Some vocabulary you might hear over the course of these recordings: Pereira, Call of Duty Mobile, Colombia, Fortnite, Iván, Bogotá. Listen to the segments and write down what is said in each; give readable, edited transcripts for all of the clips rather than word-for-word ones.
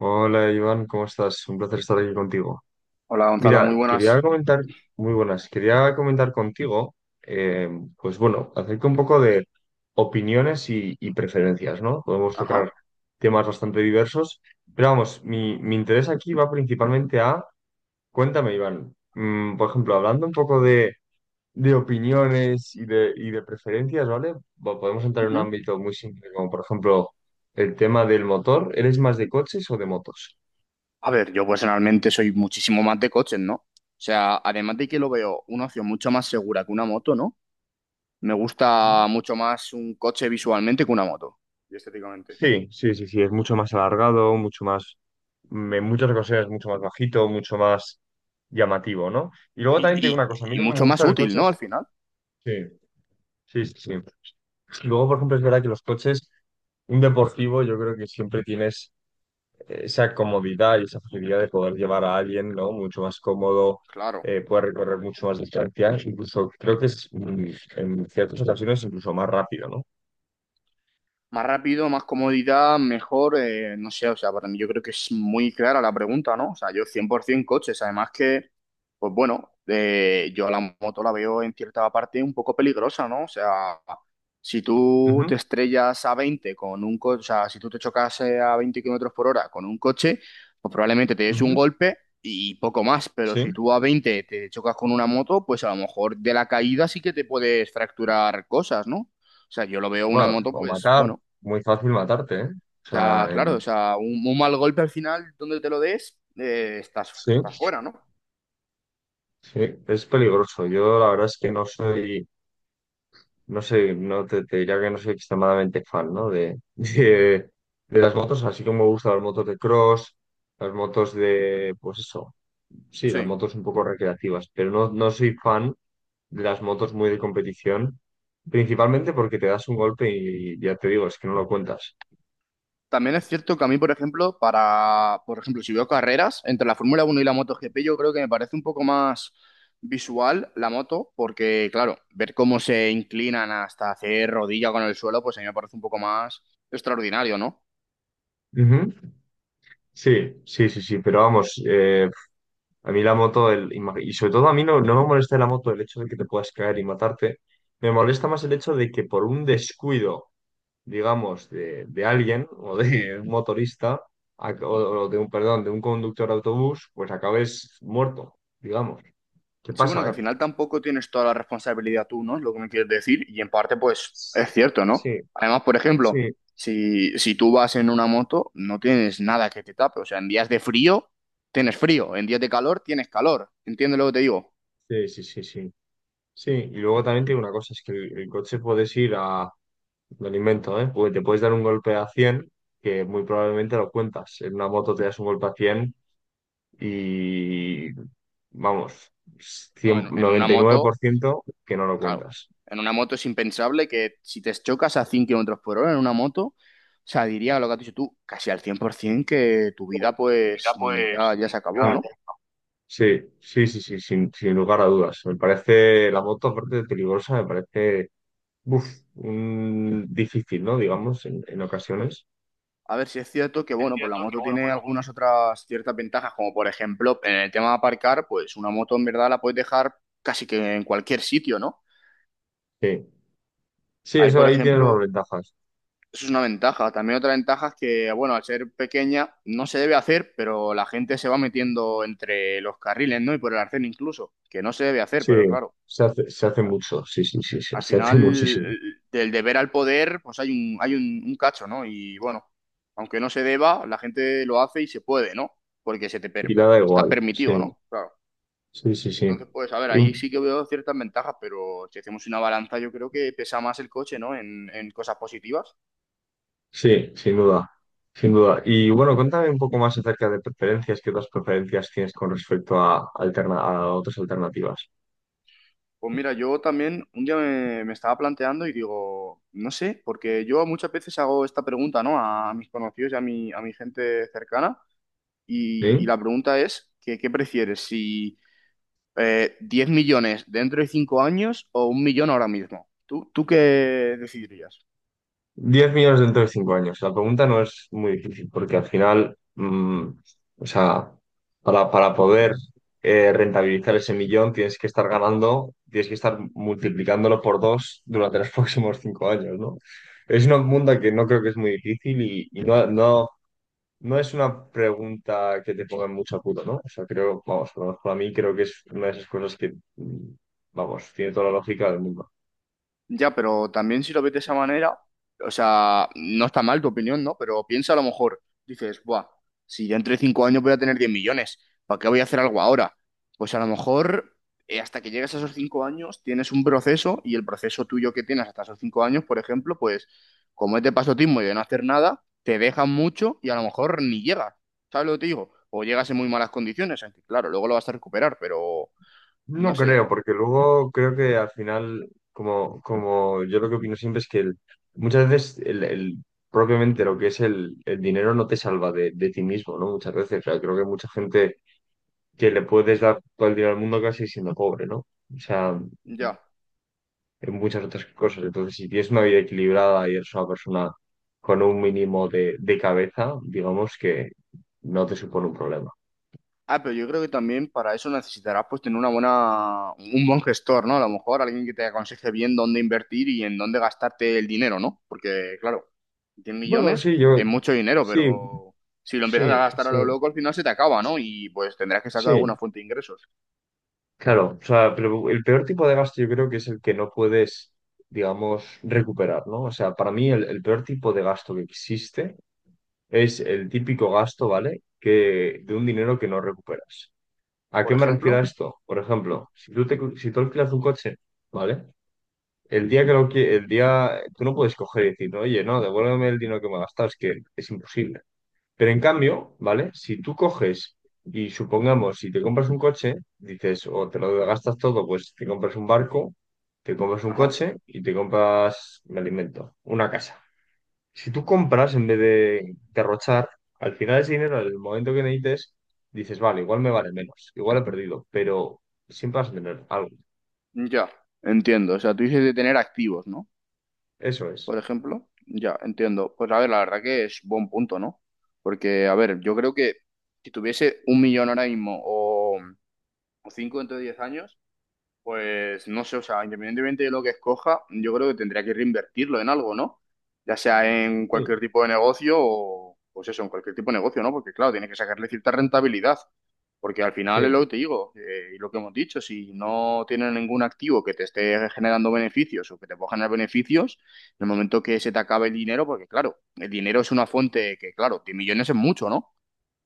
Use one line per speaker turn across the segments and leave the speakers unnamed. Hola Iván, ¿cómo estás? Un placer estar aquí contigo.
Hola Gonzalo, muy
Mira, quería
buenas.
comentar, muy buenas, quería comentar contigo, eh, pues bueno, acerca un poco de opiniones y preferencias, ¿no? Podemos tocar
Ajá.
temas bastante diversos, pero vamos, mi interés aquí va principalmente a, cuéntame Iván, por ejemplo, hablando un poco de, de opiniones y de preferencias, ¿vale? Podemos entrar en un
Ujú.
ámbito muy simple, como por ejemplo el tema del motor, ¿eres más de coches o de motos?
A ver, yo personalmente soy muchísimo más de coches, ¿no? O sea, además de que lo veo una opción mucho más segura que una moto, ¿no? Me gusta mucho más un coche visualmente que una moto. Y estéticamente.
Sí, sí, sí, sí, es mucho más alargado, mucho más, en muchas ocasiones mucho más bajito, mucho más llamativo, ¿no? Y luego también te digo
Y,
una cosa, a mí
y
lo que me
mucho más
gusta del
útil,
coche
¿no? Al
es...
final.
Sí, sí, sí, sí. Luego, por ejemplo, es verdad que los coches, un deportivo, yo creo que siempre tienes esa comodidad y esa facilidad de poder llevar a alguien, ¿no? Mucho más cómodo,
Claro.
puedes recorrer mucho más distancias. Incluso creo que es, en ciertas ocasiones, incluso más rápido, no.
Más rápido, más comodidad, mejor, no sé, o sea, para mí yo creo que es muy clara la pregunta, ¿no? O sea, yo 100% coches, además que, pues bueno, yo la moto la veo en cierta parte un poco peligrosa, ¿no? O sea, si tú
Ujú,
te estrellas a 20 con un coche, o sea, si tú te chocas a 20 km/h con un coche, pues probablemente te des un
ujú,
golpe y poco más, pero
sí.
si tú a 20 te chocas con una moto, pues a lo mejor de la caída sí que te puedes fracturar cosas, ¿no? O sea, yo lo veo una
Bueno,
moto,
o
pues,
matar,
bueno,
muy fácil matarte, ¿eh? O
o
sea,
sea, claro, o sea, un mal golpe al final, donde te lo des, estás
sí,
fuera, ¿no?
sí, es peligroso. Yo la verdad es que no soy, no sé, no te diría que no soy extremadamente fan, ¿no? De las motos, así como me gustan las motos de cross, las motos de, pues eso, sí, las
Sí.
motos un poco recreativas, pero no, no soy fan de las motos muy de competición, principalmente porque te das un golpe y, ya te digo, es que no lo cuentas.
También es cierto que a mí, por ejemplo, por ejemplo, si veo carreras entre la Fórmula Uno y la MotoGP, yo creo que me parece un poco más visual la moto, porque, claro, ver cómo se inclinan hasta hacer rodilla con el suelo, pues a mí me parece un poco más extraordinario, ¿no?
Ujú. Sí, sí, sí, sí, pero vamos, a mí la moto, y sobre todo a mí no, no me molesta de la moto el hecho de que te puedas caer y matarte. Me molesta más el hecho de que por un descuido, digamos, de alguien o de un motorista a- o, o de un, perdón, de un conductor de autobús, pues acabes muerto, digamos. ¿Qué
Sí, bueno, que
pasa,
al
eh?
final tampoco tienes toda la responsabilidad tú, ¿no? Es lo que me quieres decir. Y en parte, pues, es
Sí,
cierto, ¿no? Además, por ejemplo,
sí,
si, si tú vas en una moto, no tienes nada que te tape. O sea, en días de frío, tienes frío. En días de calor, tienes calor. ¿Entiendes lo que te digo?
sí, sí, sí, sí. Sí, y luego también tiene una cosa, es que el coche puedes ir a... me lo invento, ¿eh? Porque te puedes dar un golpe a 100 que muy probablemente lo cuentas. En una moto te das un golpe a 100 y vamos,
No,
cien
en una
noventa y nueve por
moto,
ciento que no lo
claro.
cuentas.
En una moto es impensable que si te chocas a 5 km/h en una moto, o sea, diría lo que has dicho tú, casi al 100% que tu vida, pues,
Mira,
ya,
pues,
ya
mm,
se acabó,
ya,
¿no?
sí, sí, sí, sí, sin lugar a dudas. Me parece la moto, aparte de peligrosa, me parece uf, difícil, ¿no? Digamos, en ocasiones.
A ver si es cierto que,
Es
bueno, pues la
cierto que,
moto
bueno,
tiene
pues
algunas otras ciertas ventajas, como por ejemplo, en el tema de aparcar, pues una moto en verdad la puedes dejar casi que en cualquier sitio, ¿no?
sí, sí,
Ahí,
eso
por
ahí tiene las
ejemplo,
ventajas.
eso es una ventaja. También otra ventaja es que, bueno, al ser pequeña no se debe hacer, pero la gente se va metiendo entre los carriles, ¿no? Y por el arcén incluso, que no se debe hacer,
Sí,
pero claro.
se hace mucho, sí, sí, sí, sí,
Al
se hace muchísimo.
final, del deber al poder, pues hay un cacho, ¿no? Y bueno, aunque no se deba, la gente lo hace y se puede, ¿no? Porque
Y nada
está
igual, sí,
permitido, ¿no? Claro.
sí, sí, sí.
Entonces, pues, a ver,
Y
ahí sí que veo ciertas ventajas, pero si hacemos una balanza, yo creo que pesa más el coche, ¿no? En cosas positivas.
sí, sin duda, sin duda. Y bueno, cuéntame un poco más acerca de preferencias, qué otras preferencias tienes con respecto a, a otras alternativas.
Pues mira, yo también un día me estaba planteando y digo, no sé, porque yo muchas veces hago esta pregunta, ¿no? A mis conocidos y a a mi gente cercana. Y
¿Sí?
la pregunta es, ¿qué prefieres? Si ¿10 millones dentro de 5 años o un millón ahora mismo? ¿Tú qué decidirías?
10 millones dentro de 5 años. La pregunta no es muy difícil porque al final, o sea, para poder rentabilizar ese millón tienes que estar ganando, tienes que estar multiplicándolo por dos durante los próximos 5 años, ¿no? Es una pregunta que no creo que es muy difícil y No es una pregunta que te ponga en mucho apuro, ¿no? O sea, creo, vamos, por lo menos para mí creo que es una de esas cosas que, vamos, tiene toda la lógica del mundo.
Ya, pero también si lo ves de esa manera, o sea, no está mal tu opinión, ¿no? Pero piensa a lo mejor, dices, buah, si ya entre 5 años voy a tener 10 millones, ¿para qué voy a hacer algo ahora? Pues a lo mejor hasta que llegues a esos 5 años tienes un proceso y el proceso tuyo que tienes hasta esos 5 años, por ejemplo, pues como es de pasotismo y de no hacer nada, te dejan mucho y a lo mejor ni llegas, ¿sabes lo que te digo? O llegas en muy malas condiciones, aunque claro, luego lo vas a recuperar, pero no
No creo,
sé,
porque luego creo que al final, como yo lo que opino siempre es que muchas veces propiamente lo que es el dinero no te salva de ti mismo, ¿no? Muchas veces, o sea, creo que mucha gente que le puedes dar todo el dinero al mundo casi siendo pobre, ¿no? O sea,
ya.
en muchas otras cosas. Entonces, si tienes una vida equilibrada y eres una persona con un mínimo de cabeza, digamos que no te supone un problema.
Ah, pero yo creo que también para eso necesitarás pues tener un buen gestor, ¿no? A lo mejor alguien que te aconseje bien dónde invertir y en dónde gastarte el dinero, ¿no? Porque, claro, 100
Bueno,
millones
sí, yo,
es mucho dinero,
sí,
pero si lo
sí,
empiezas a gastar a
sí,
lo loco, al final se te acaba, ¿no? Y pues tendrás que sacar alguna
sí.
fuente de ingresos.
Claro, o sea, pero el peor tipo de gasto yo creo que es el que no puedes, digamos, recuperar, ¿no? O sea, para mí el peor tipo de gasto que existe es el típico gasto, ¿vale? Que de un dinero que no recuperas. ¿A
Por
qué me refiero a
ejemplo,
esto? Por ejemplo, si tú alquilas un coche, ¿vale? El día que lo que el día, tú no puedes coger y decir, no, oye, no, devuélveme el dinero que me gastas, que es imposible. Pero en cambio, ¿vale? Si tú coges y supongamos, si te compras un coche, dices, o te lo gastas todo, pues te compras un barco, te compras un
ajá,
coche y te compras, me alimento, una casa. Si tú compras en vez de derrochar, al final ese dinero, en el momento que necesites, dices, vale, igual me vale menos, igual he perdido, pero siempre vas a tener algo.
ya, entiendo. O sea, tú dices de tener activos, ¿no?
Eso es.
Por ejemplo, ya, entiendo. Pues a ver, la verdad que es buen punto, ¿no? Porque, a ver, yo creo que si tuviese un millón ahora mismo o cinco dentro de 10 años, pues no sé, o sea, independientemente de lo que escoja, yo creo que tendría que reinvertirlo en algo, ¿no? Ya sea en cualquier
Sí.
tipo de negocio o, pues eso, en cualquier tipo de negocio, ¿no? Porque claro, tiene que sacarle cierta rentabilidad, porque al final es lo
Sí.
que te digo, y lo que hemos dicho, si no tienes ningún activo que te esté generando beneficios o que te pueda generar beneficios, en el momento que se te acabe el dinero, porque claro, el dinero es una fuente que, claro, 10 millones es mucho, ¿no?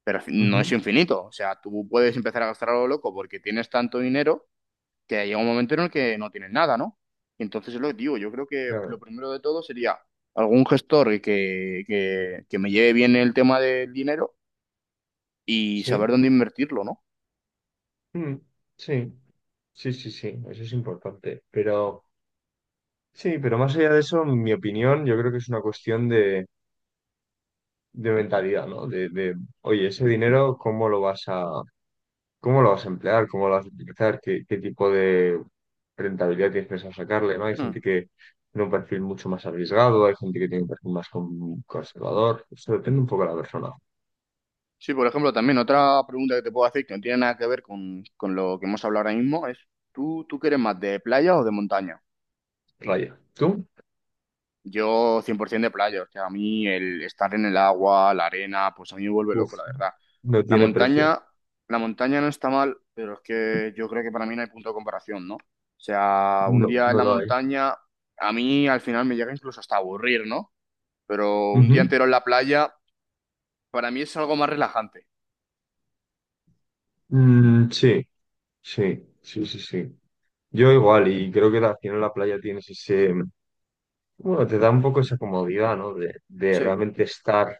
Pero no es
Ujú.
infinito. O sea, tú puedes empezar a gastar a lo loco porque tienes tanto dinero que llega un momento en el que no tienes nada, ¿no? Entonces es lo que digo, yo creo que lo
Claro.
primero de todo sería algún gestor que me lleve bien el tema del dinero y
Sí,
saber dónde invertirlo, ¿no?
mm, sí, sí, sí, sí, eso es importante. Pero sí, pero más allá de eso, en mi opinión, yo creo que es una cuestión de, mentalidad, ¿no? Oye, ese dinero, ¿cómo lo vas a, cómo lo vas a emplear? ¿Cómo lo vas a utilizar? ¿Qué tipo de rentabilidad tienes pensado sacarle, ¿no? Hay
Hmm.
gente que tiene un perfil mucho más arriesgado, hay gente que tiene un perfil más conservador. Eso depende un poco de la persona.
Sí, por ejemplo, también otra pregunta que te puedo hacer que no tiene nada que ver con lo que hemos hablado ahora mismo es, ¿tú quieres más de playa o de montaña?
Raya. ¿Tú?
Yo 100% de playa, o sea, a mí el estar en el agua, la arena, pues a mí me vuelve
Uf,
loco, la verdad.
no
La
tiene precio.
montaña, la montaña no está mal, pero es que yo creo que para mí no hay punto de comparación, ¿no? O sea, un
No,
día en
no
la
lo hay.
montaña, a mí al final me llega incluso hasta a aburrir, ¿no? Pero un día
Ujú.
entero en la playa, para mí es algo más relajante.
Mm, sí. Sí, sí, sí, sí. Yo igual, y creo que al final la playa tienes ese, bueno, te da un poco esa comodidad, ¿no? De
Sí.
realmente estar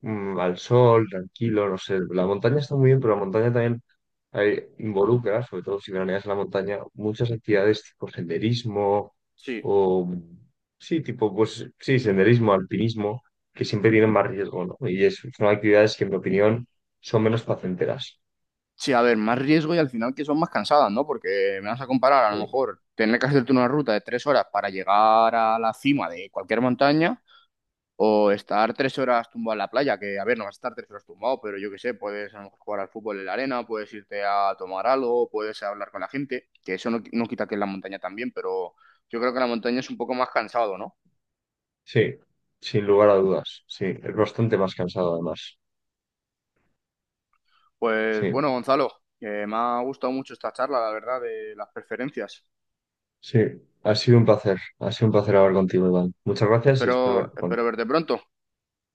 al sol, tranquilo, no sé. La montaña está muy bien, pero la montaña también involucra, sobre todo si veraneas en la montaña, muchas actividades tipo senderismo
Sí.
o, sí, tipo, pues sí, senderismo, alpinismo, que siempre tienen más riesgo, ¿no? Y son actividades que, en mi opinión, son menos placenteras.
Sí, a ver, más riesgo y al final que son más cansadas, ¿no? Porque me vas a comparar, a lo
Sí.
mejor, tener que hacerte una ruta de 3 horas para llegar a la cima de cualquier montaña. O estar 3 horas tumbado en la playa, que a ver, no vas a estar 3 horas tumbado, pero yo qué sé, puedes a lo mejor jugar al fútbol en la arena, puedes irte a tomar algo, puedes hablar con la gente, que eso no, no quita que en la montaña también, pero yo creo que en la montaña es un poco más cansado, ¿no?
Sí, sin lugar a dudas. Sí, es bastante más cansado además.
Pues
Sí,
bueno, Gonzalo, que me ha gustado mucho esta charla, la verdad, de las preferencias.
sí. Ha sido un placer. Ha sido un placer hablar contigo, Iván. Muchas gracias y espero
Espero,
hablar
espero
contigo.
verte pronto.